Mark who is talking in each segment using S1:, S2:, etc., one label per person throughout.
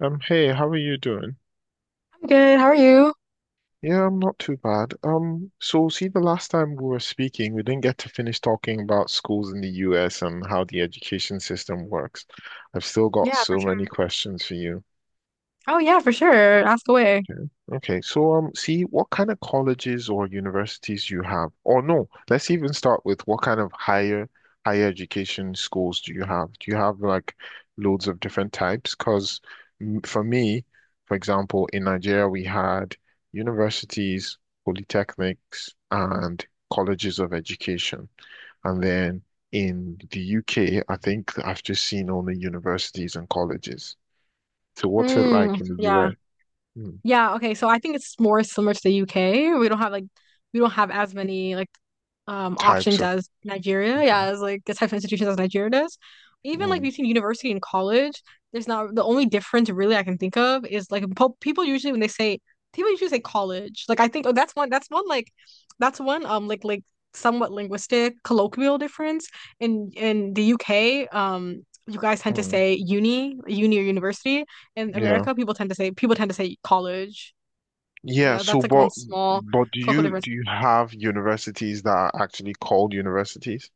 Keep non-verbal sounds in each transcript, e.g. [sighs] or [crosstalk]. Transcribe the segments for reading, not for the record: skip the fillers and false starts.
S1: Hey, how are you doing?
S2: Good. How are you?
S1: Yeah, I'm not too bad. So see, the last time we were speaking, we didn't get to finish talking about schools in the US and how the education system works. I've still got
S2: Yeah, for
S1: so many
S2: sure.
S1: questions for you.
S2: Oh, yeah, for sure. Ask away.
S1: Okay. Okay. See what kind of colleges or universities you have, or no, let's even start with what kind of higher education schools do you have? Do you have like loads of different types? Because for me, for example, in Nigeria we had universities, polytechnics, and colleges of education, and then in the UK, I think I've just seen only universities and colleges. So, what's it
S2: Mm,
S1: like in the
S2: yeah.
S1: US? Hmm.
S2: Yeah, okay. So I think it's more similar to the UK. We don't have as many like
S1: Types
S2: options
S1: of.
S2: as Nigeria, yeah, as like the type of institutions as Nigeria does. Even like
S1: Mm,
S2: between university and college, there's not the only difference really I can think of is like people usually say college. Like I think oh that's one like somewhat linguistic colloquial difference in the UK, you guys tend to
S1: mm,
S2: say uni or university. In
S1: yeah.
S2: America people tend to say college.
S1: Yeah,
S2: Yeah,
S1: so
S2: that's like one
S1: but
S2: small
S1: but do
S2: colloquial
S1: you
S2: difference.
S1: do you have universities that are actually called universities?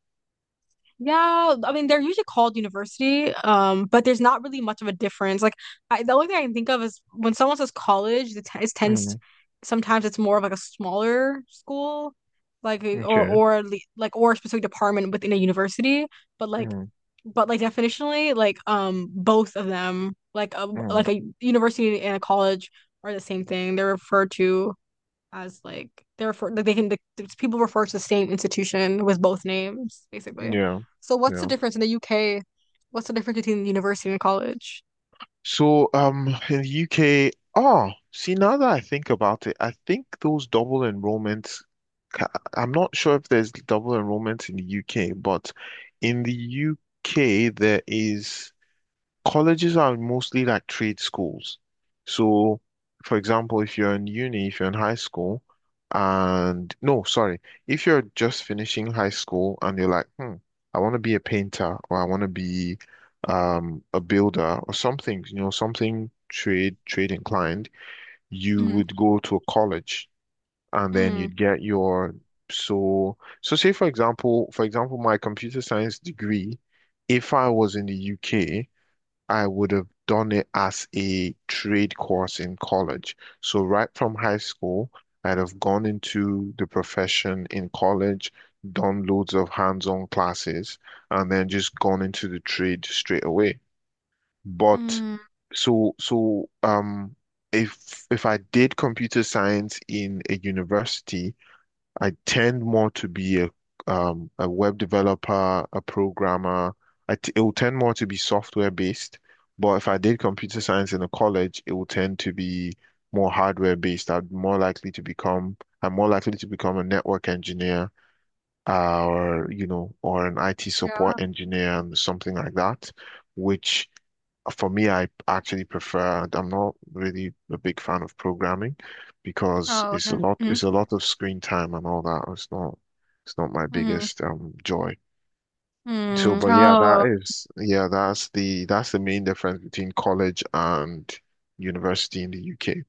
S2: Yeah, I mean they're usually called university, but there's not really much of a difference. Like I, the only thing I can think of is when someone says college, it, t it tends
S1: Mm,
S2: sometimes it's more of like a smaller school, like
S1: okay.
S2: like or a specific department within a university. But like,
S1: Mm,
S2: but like definitionally, both of them, like a like
S1: mm,
S2: a university and a college, are the same thing. They're referred to as like they're for like, they can like, people refer to the same institution with both names basically.
S1: yeah.
S2: So what's the
S1: Yeah.
S2: difference in the UK? What's the difference between university and college?
S1: So in the UK, oh, see now that I think about it, I think those double enrollments ca- I'm not sure if there's double enrollment in the UK, but in the UK there is, colleges are mostly like trade schools. So, for example, if you're in uni, if you're in high school, and no, sorry, if you're just finishing high school and you're like, I want to be a painter or I want to be a builder or something, you know, something trade inclined, you would go to a college and then
S2: Mm-hmm.
S1: you'd get your say for example, my computer science degree, if I was in the UK. I would have done it as a trade course in college. So right from high school, I'd have gone into the profession in college, done loads of hands-on classes, and then just gone into the trade straight away. But
S2: Mm-hmm.
S1: so so um if I did computer science in a university, I tend more to be a web developer, a programmer. I t it will tend more to be software based, but if I did computer science in a college, it will tend to be more hardware based. I'm more likely to become a network engineer, or you know, or an IT
S2: Yeah.
S1: support engineer and something like that, which for me, I actually prefer. I'm not really a big fan of programming because
S2: Oh, okay. Mm-hmm.
S1: it's a lot of screen time and all that. It's not my
S2: Mm-hmm.
S1: biggest joy. So,
S2: Mm.
S1: but yeah,
S2: Oh,
S1: that is, yeah, that's the main difference between college and university in the UK.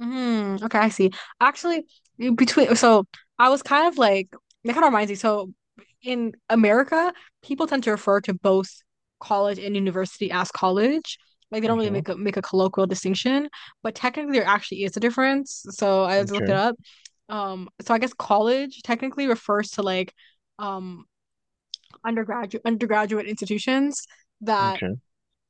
S2: mm, okay, I see. Actually, in between, so I was kind of like, that kind of reminds me. So in America, people tend to refer to both college and university as college. Like they don't really
S1: Hmm.
S2: make a colloquial distinction, but technically there actually is a difference. So I just looked it
S1: Okay.
S2: up. So I guess college technically refers to like um undergraduate institutions that
S1: Okay.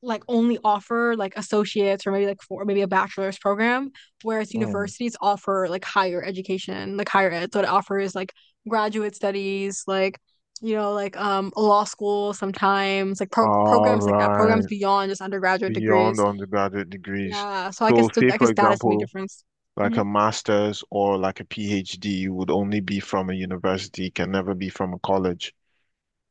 S2: like only offer like associates or maybe like for maybe a bachelor's program, whereas
S1: Mm.
S2: universities offer like higher education, like higher ed. So it offers like graduate studies, like law school sometimes, like
S1: All
S2: programs like that, programs
S1: right.
S2: beyond just undergraduate
S1: Beyond
S2: degrees.
S1: undergraduate degrees.
S2: Yeah, so
S1: So, say
S2: I
S1: for
S2: guess that is the main
S1: example,
S2: difference.
S1: like
S2: Hmm.
S1: a master's or like a PhD would only be from a university, can never be from a college.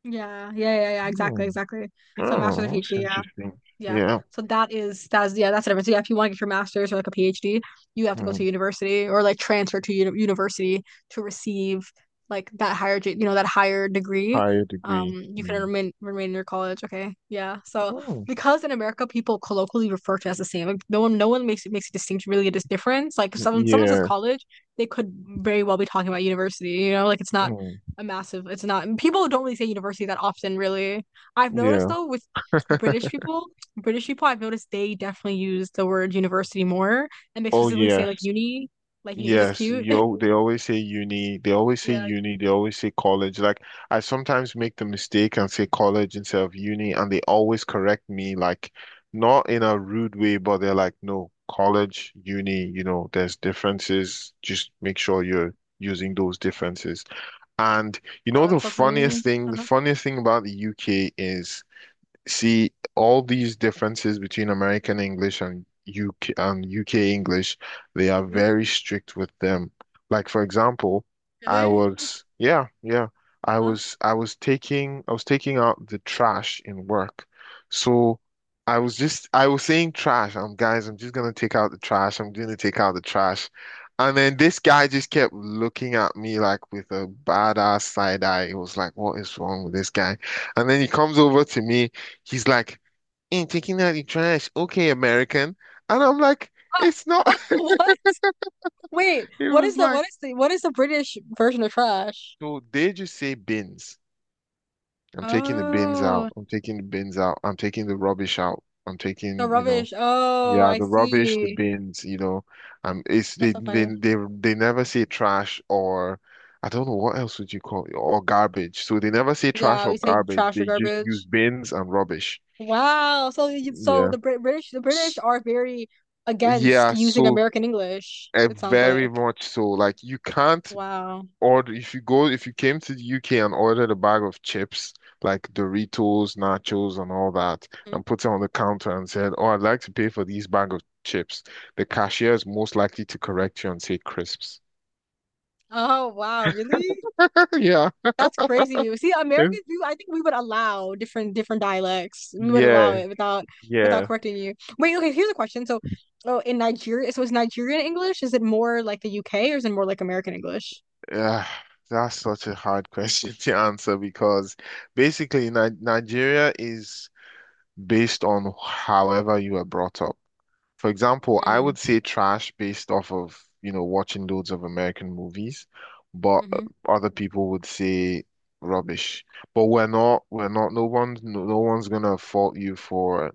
S2: Yeah, yeah, yeah, yeah, exactly,
S1: Hmm.
S2: exactly. So
S1: Oh,
S2: master's or
S1: that's
S2: PhD, yeah.
S1: interesting.
S2: Yeah.
S1: Yeah.
S2: So that's the difference. Yeah, if you want to get your master's or like a PhD, you have to go
S1: Hmm.
S2: to university or like transfer to university to receive like that higher, ge- you know, that higher degree.
S1: Higher degree.
S2: You can
S1: Hmm.
S2: remain in your college. Okay. Yeah. So
S1: Hmm.
S2: because in America people colloquially refer to it as the same. Like no one makes a distinction really a difference. Like if someone says
S1: Yeah.
S2: college, they could very well be talking about university, you know, like it's not
S1: Hmm.
S2: people don't really say university that often really. I've noticed
S1: Yeah.
S2: though with British people British people, I've noticed they definitely use the word university more, and they
S1: Oh,
S2: specifically say
S1: yes.
S2: like uni, which is cute. [laughs]
S1: They always say uni, they always say
S2: Yeah. Uni.
S1: uni, they always say college. Like I sometimes make the mistake and say college instead of uni, and they always correct me, like not in a rude way, but they're like, no, college, uni, you know, there's differences. Just make sure you're using those differences. And you
S2: Oh,
S1: know
S2: that's so funny.
S1: the
S2: Uh-huh.
S1: funniest thing about the UK is, see, all these differences between American English and UK and UK English, they are
S2: Mhm.
S1: very strict with them. Like for example, I
S2: Really?
S1: was yeah, yeah.
S2: Uh-huh.
S1: I was taking out the trash in work. So I was saying trash. I'm just gonna take out the trash. I'm gonna take out the trash. And then this guy just kept looking at me like with a badass side eye. It was like, what is wrong with this guy? And then he comes over to me. He's like, ain't taking out the trash. Okay, American. And I'm like,
S2: Ah,
S1: it's not.
S2: ah, [laughs]
S1: [laughs]
S2: what? Wait,
S1: It
S2: what is
S1: was
S2: the
S1: like,
S2: what is the what is the British version of trash?
S1: so they just say bins. I'm taking the bins out.
S2: Oh,
S1: I'm taking the bins out. I'm taking the rubbish out. I'm
S2: the
S1: taking, you know,
S2: rubbish. Oh,
S1: yeah,
S2: I
S1: the rubbish, the
S2: see.
S1: bins, you know. It's
S2: That's
S1: they
S2: so
S1: they
S2: funny.
S1: they they never say trash or I don't know what else would you call it, or garbage. So they never say trash
S2: Yeah, we
S1: or
S2: say
S1: garbage.
S2: trash or
S1: They just use
S2: garbage.
S1: bins and rubbish.
S2: Wow. So you, so
S1: Yeah.
S2: the Brit British the British
S1: S-
S2: are very against
S1: yeah,
S2: using
S1: so,
S2: American English,
S1: uh,
S2: it sounds
S1: very
S2: like.
S1: much so. Like you can't
S2: Wow.
S1: order if you go, if you came to the UK and ordered a bag of chips like Doritos, nachos, and all that,
S2: Mhm.
S1: and put it on the counter and said, "Oh, I'd like to pay for these bag of chips." The cashier is most likely to correct you and say crisps.
S2: Oh wow, really?
S1: [laughs]
S2: That's crazy. See, Americans, I think we would allow different dialects. We would
S1: Yeah,
S2: allow it without
S1: yeah,
S2: without
S1: yeah.
S2: correcting you. Wait, okay, here's a question. So, oh, in Nigeria, so is Nigerian English? Is it more like the UK or is it more like American English?
S1: Uh, that's such a hard [laughs] question to answer because basically, Ni Nigeria is based on however you were brought up. For example, I
S2: Mm,
S1: would say trash based off of, you know, watching loads of American movies, but
S2: mm-hmm.
S1: other people would say rubbish. But we're not, no one's, no, no one's gonna fault you for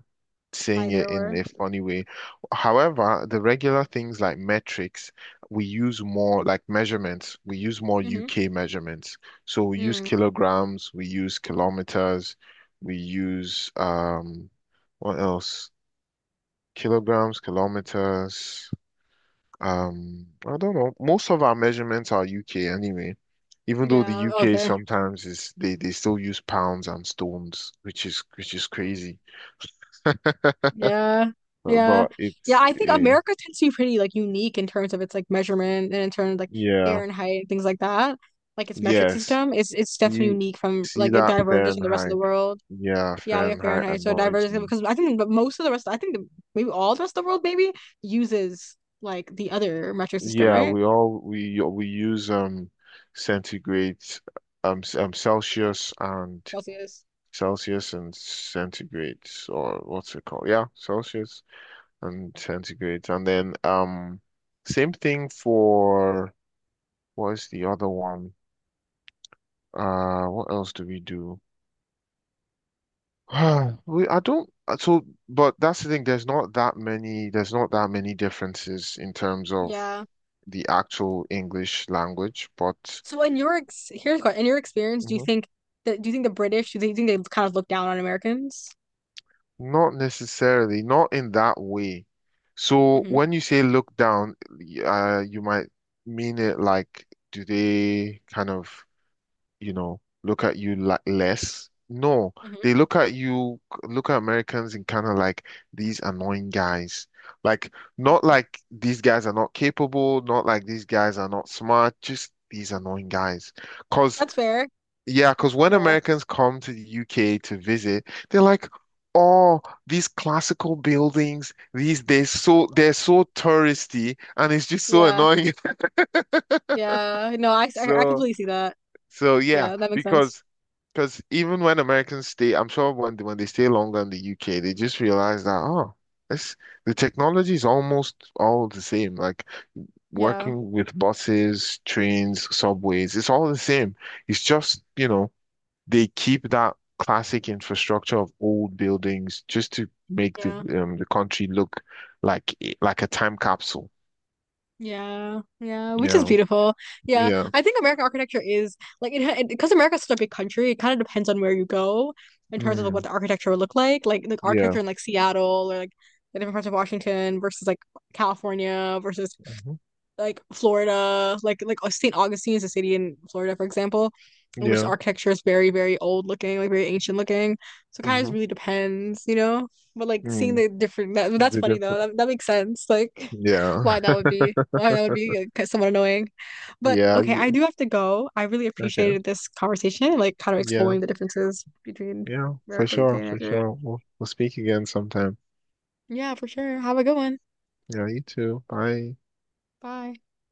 S1: saying
S2: Either
S1: it in
S2: or.
S1: a funny way. However, the regular things like metrics, we use more like measurements, we use more
S2: Mm-hmm.
S1: UK measurements. So we use
S2: Mm.
S1: kilograms, we use kilometers, we use, what else? Kilograms, kilometers. I don't know. Most of our measurements are UK anyway. Even though the
S2: Yeah,
S1: UK
S2: okay.
S1: sometimes is they still use pounds and stones, which is crazy. [laughs]
S2: Yeah. Yeah.
S1: But
S2: Yeah,
S1: it's
S2: I think
S1: eh,
S2: America tends to be pretty like unique in terms of its like measurement and in terms of like
S1: yeah,
S2: air and height and things like that. Like its metric
S1: yes.
S2: system is it's definitely
S1: You
S2: unique from
S1: see
S2: like it
S1: that
S2: diverges from the rest of the
S1: Fahrenheit?
S2: world.
S1: Yeah,
S2: Yeah, we have
S1: Fahrenheit
S2: Fahrenheit, so it
S1: annoys
S2: diverges
S1: me.
S2: because I think but most of the rest I think maybe all the rest of the world maybe uses like the other metric system,
S1: Yeah,
S2: right?
S1: we use centigrade,
S2: Yeah.
S1: Celsius and
S2: Celsius.
S1: Celsius and centigrades, or what's it called? Yeah, Celsius and centigrades. And then same thing for what is the other one? What else do we do? [sighs] We I don't So but that's the thing, there's not that many there's not that many differences in terms of
S2: Yeah.
S1: the actual English language, but
S2: So in your ex here's what in your experience, do you
S1: mhm.
S2: think that do you think the British do you think they kind of look down on Americans?
S1: Not necessarily, not in that way. So
S2: Hmm.
S1: when you say look down, you might mean it like, do they kind of, you know, look at you like less? No,
S2: Hmm.
S1: they look at you, look at Americans and kind of like these annoying guys. Like, not like these guys are not capable, not like these guys are not smart, just these annoying guys. Because
S2: That's fair.
S1: yeah, because when
S2: Yeah,
S1: Americans come to the UK to visit, they're like, oh, these classical buildings, these they're so touristy and it's just so
S2: yeah,
S1: annoying. [laughs]
S2: yeah. No, I
S1: So
S2: completely see that.
S1: yeah,
S2: Yeah, that makes sense.
S1: because even when Americans stay, I'm sure when they stay longer in the UK, they just realize that oh, it's the technology is almost all the same. Like
S2: Yeah,
S1: working with buses, trains, subways, it's all the same. It's just, you know, they keep that classic infrastructure of old buildings just to make
S2: yeah,
S1: the country look like like a time capsule.
S2: yeah, yeah. Which is
S1: Yeah,
S2: beautiful. Yeah,
S1: yeah,
S2: I think American architecture is like it, ha- it because America's such a big country. It kind of depends on where you go in terms of like, what
S1: mm,
S2: the architecture would look like. Like the
S1: yeah,
S2: architecture in like Seattle or like the different parts of Washington versus like California versus
S1: hmm,
S2: like Florida, like St. Augustine is a city in Florida, for example, in which
S1: yeah,
S2: architecture is very, very old looking, like very ancient looking. So it kind of
S1: hmm,
S2: just really depends, you know? But like seeing
S1: mm,
S2: the different that's
S1: the
S2: funny though.
S1: different,
S2: That makes sense. Like [laughs]
S1: yeah,
S2: why that would be like, somewhat annoying.
S1: [laughs]
S2: But
S1: yeah,
S2: okay, I do have to go. I really
S1: okay,
S2: appreciated this conversation and like kind of
S1: yeah,
S2: exploring the differences between
S1: yeah, for
S2: America, UK,
S1: sure,
S2: and
S1: for
S2: Nigeria.
S1: sure. We'll speak again sometime.
S2: Yeah, for sure. Have a good one.
S1: Yeah, you too. Bye.
S2: Bye.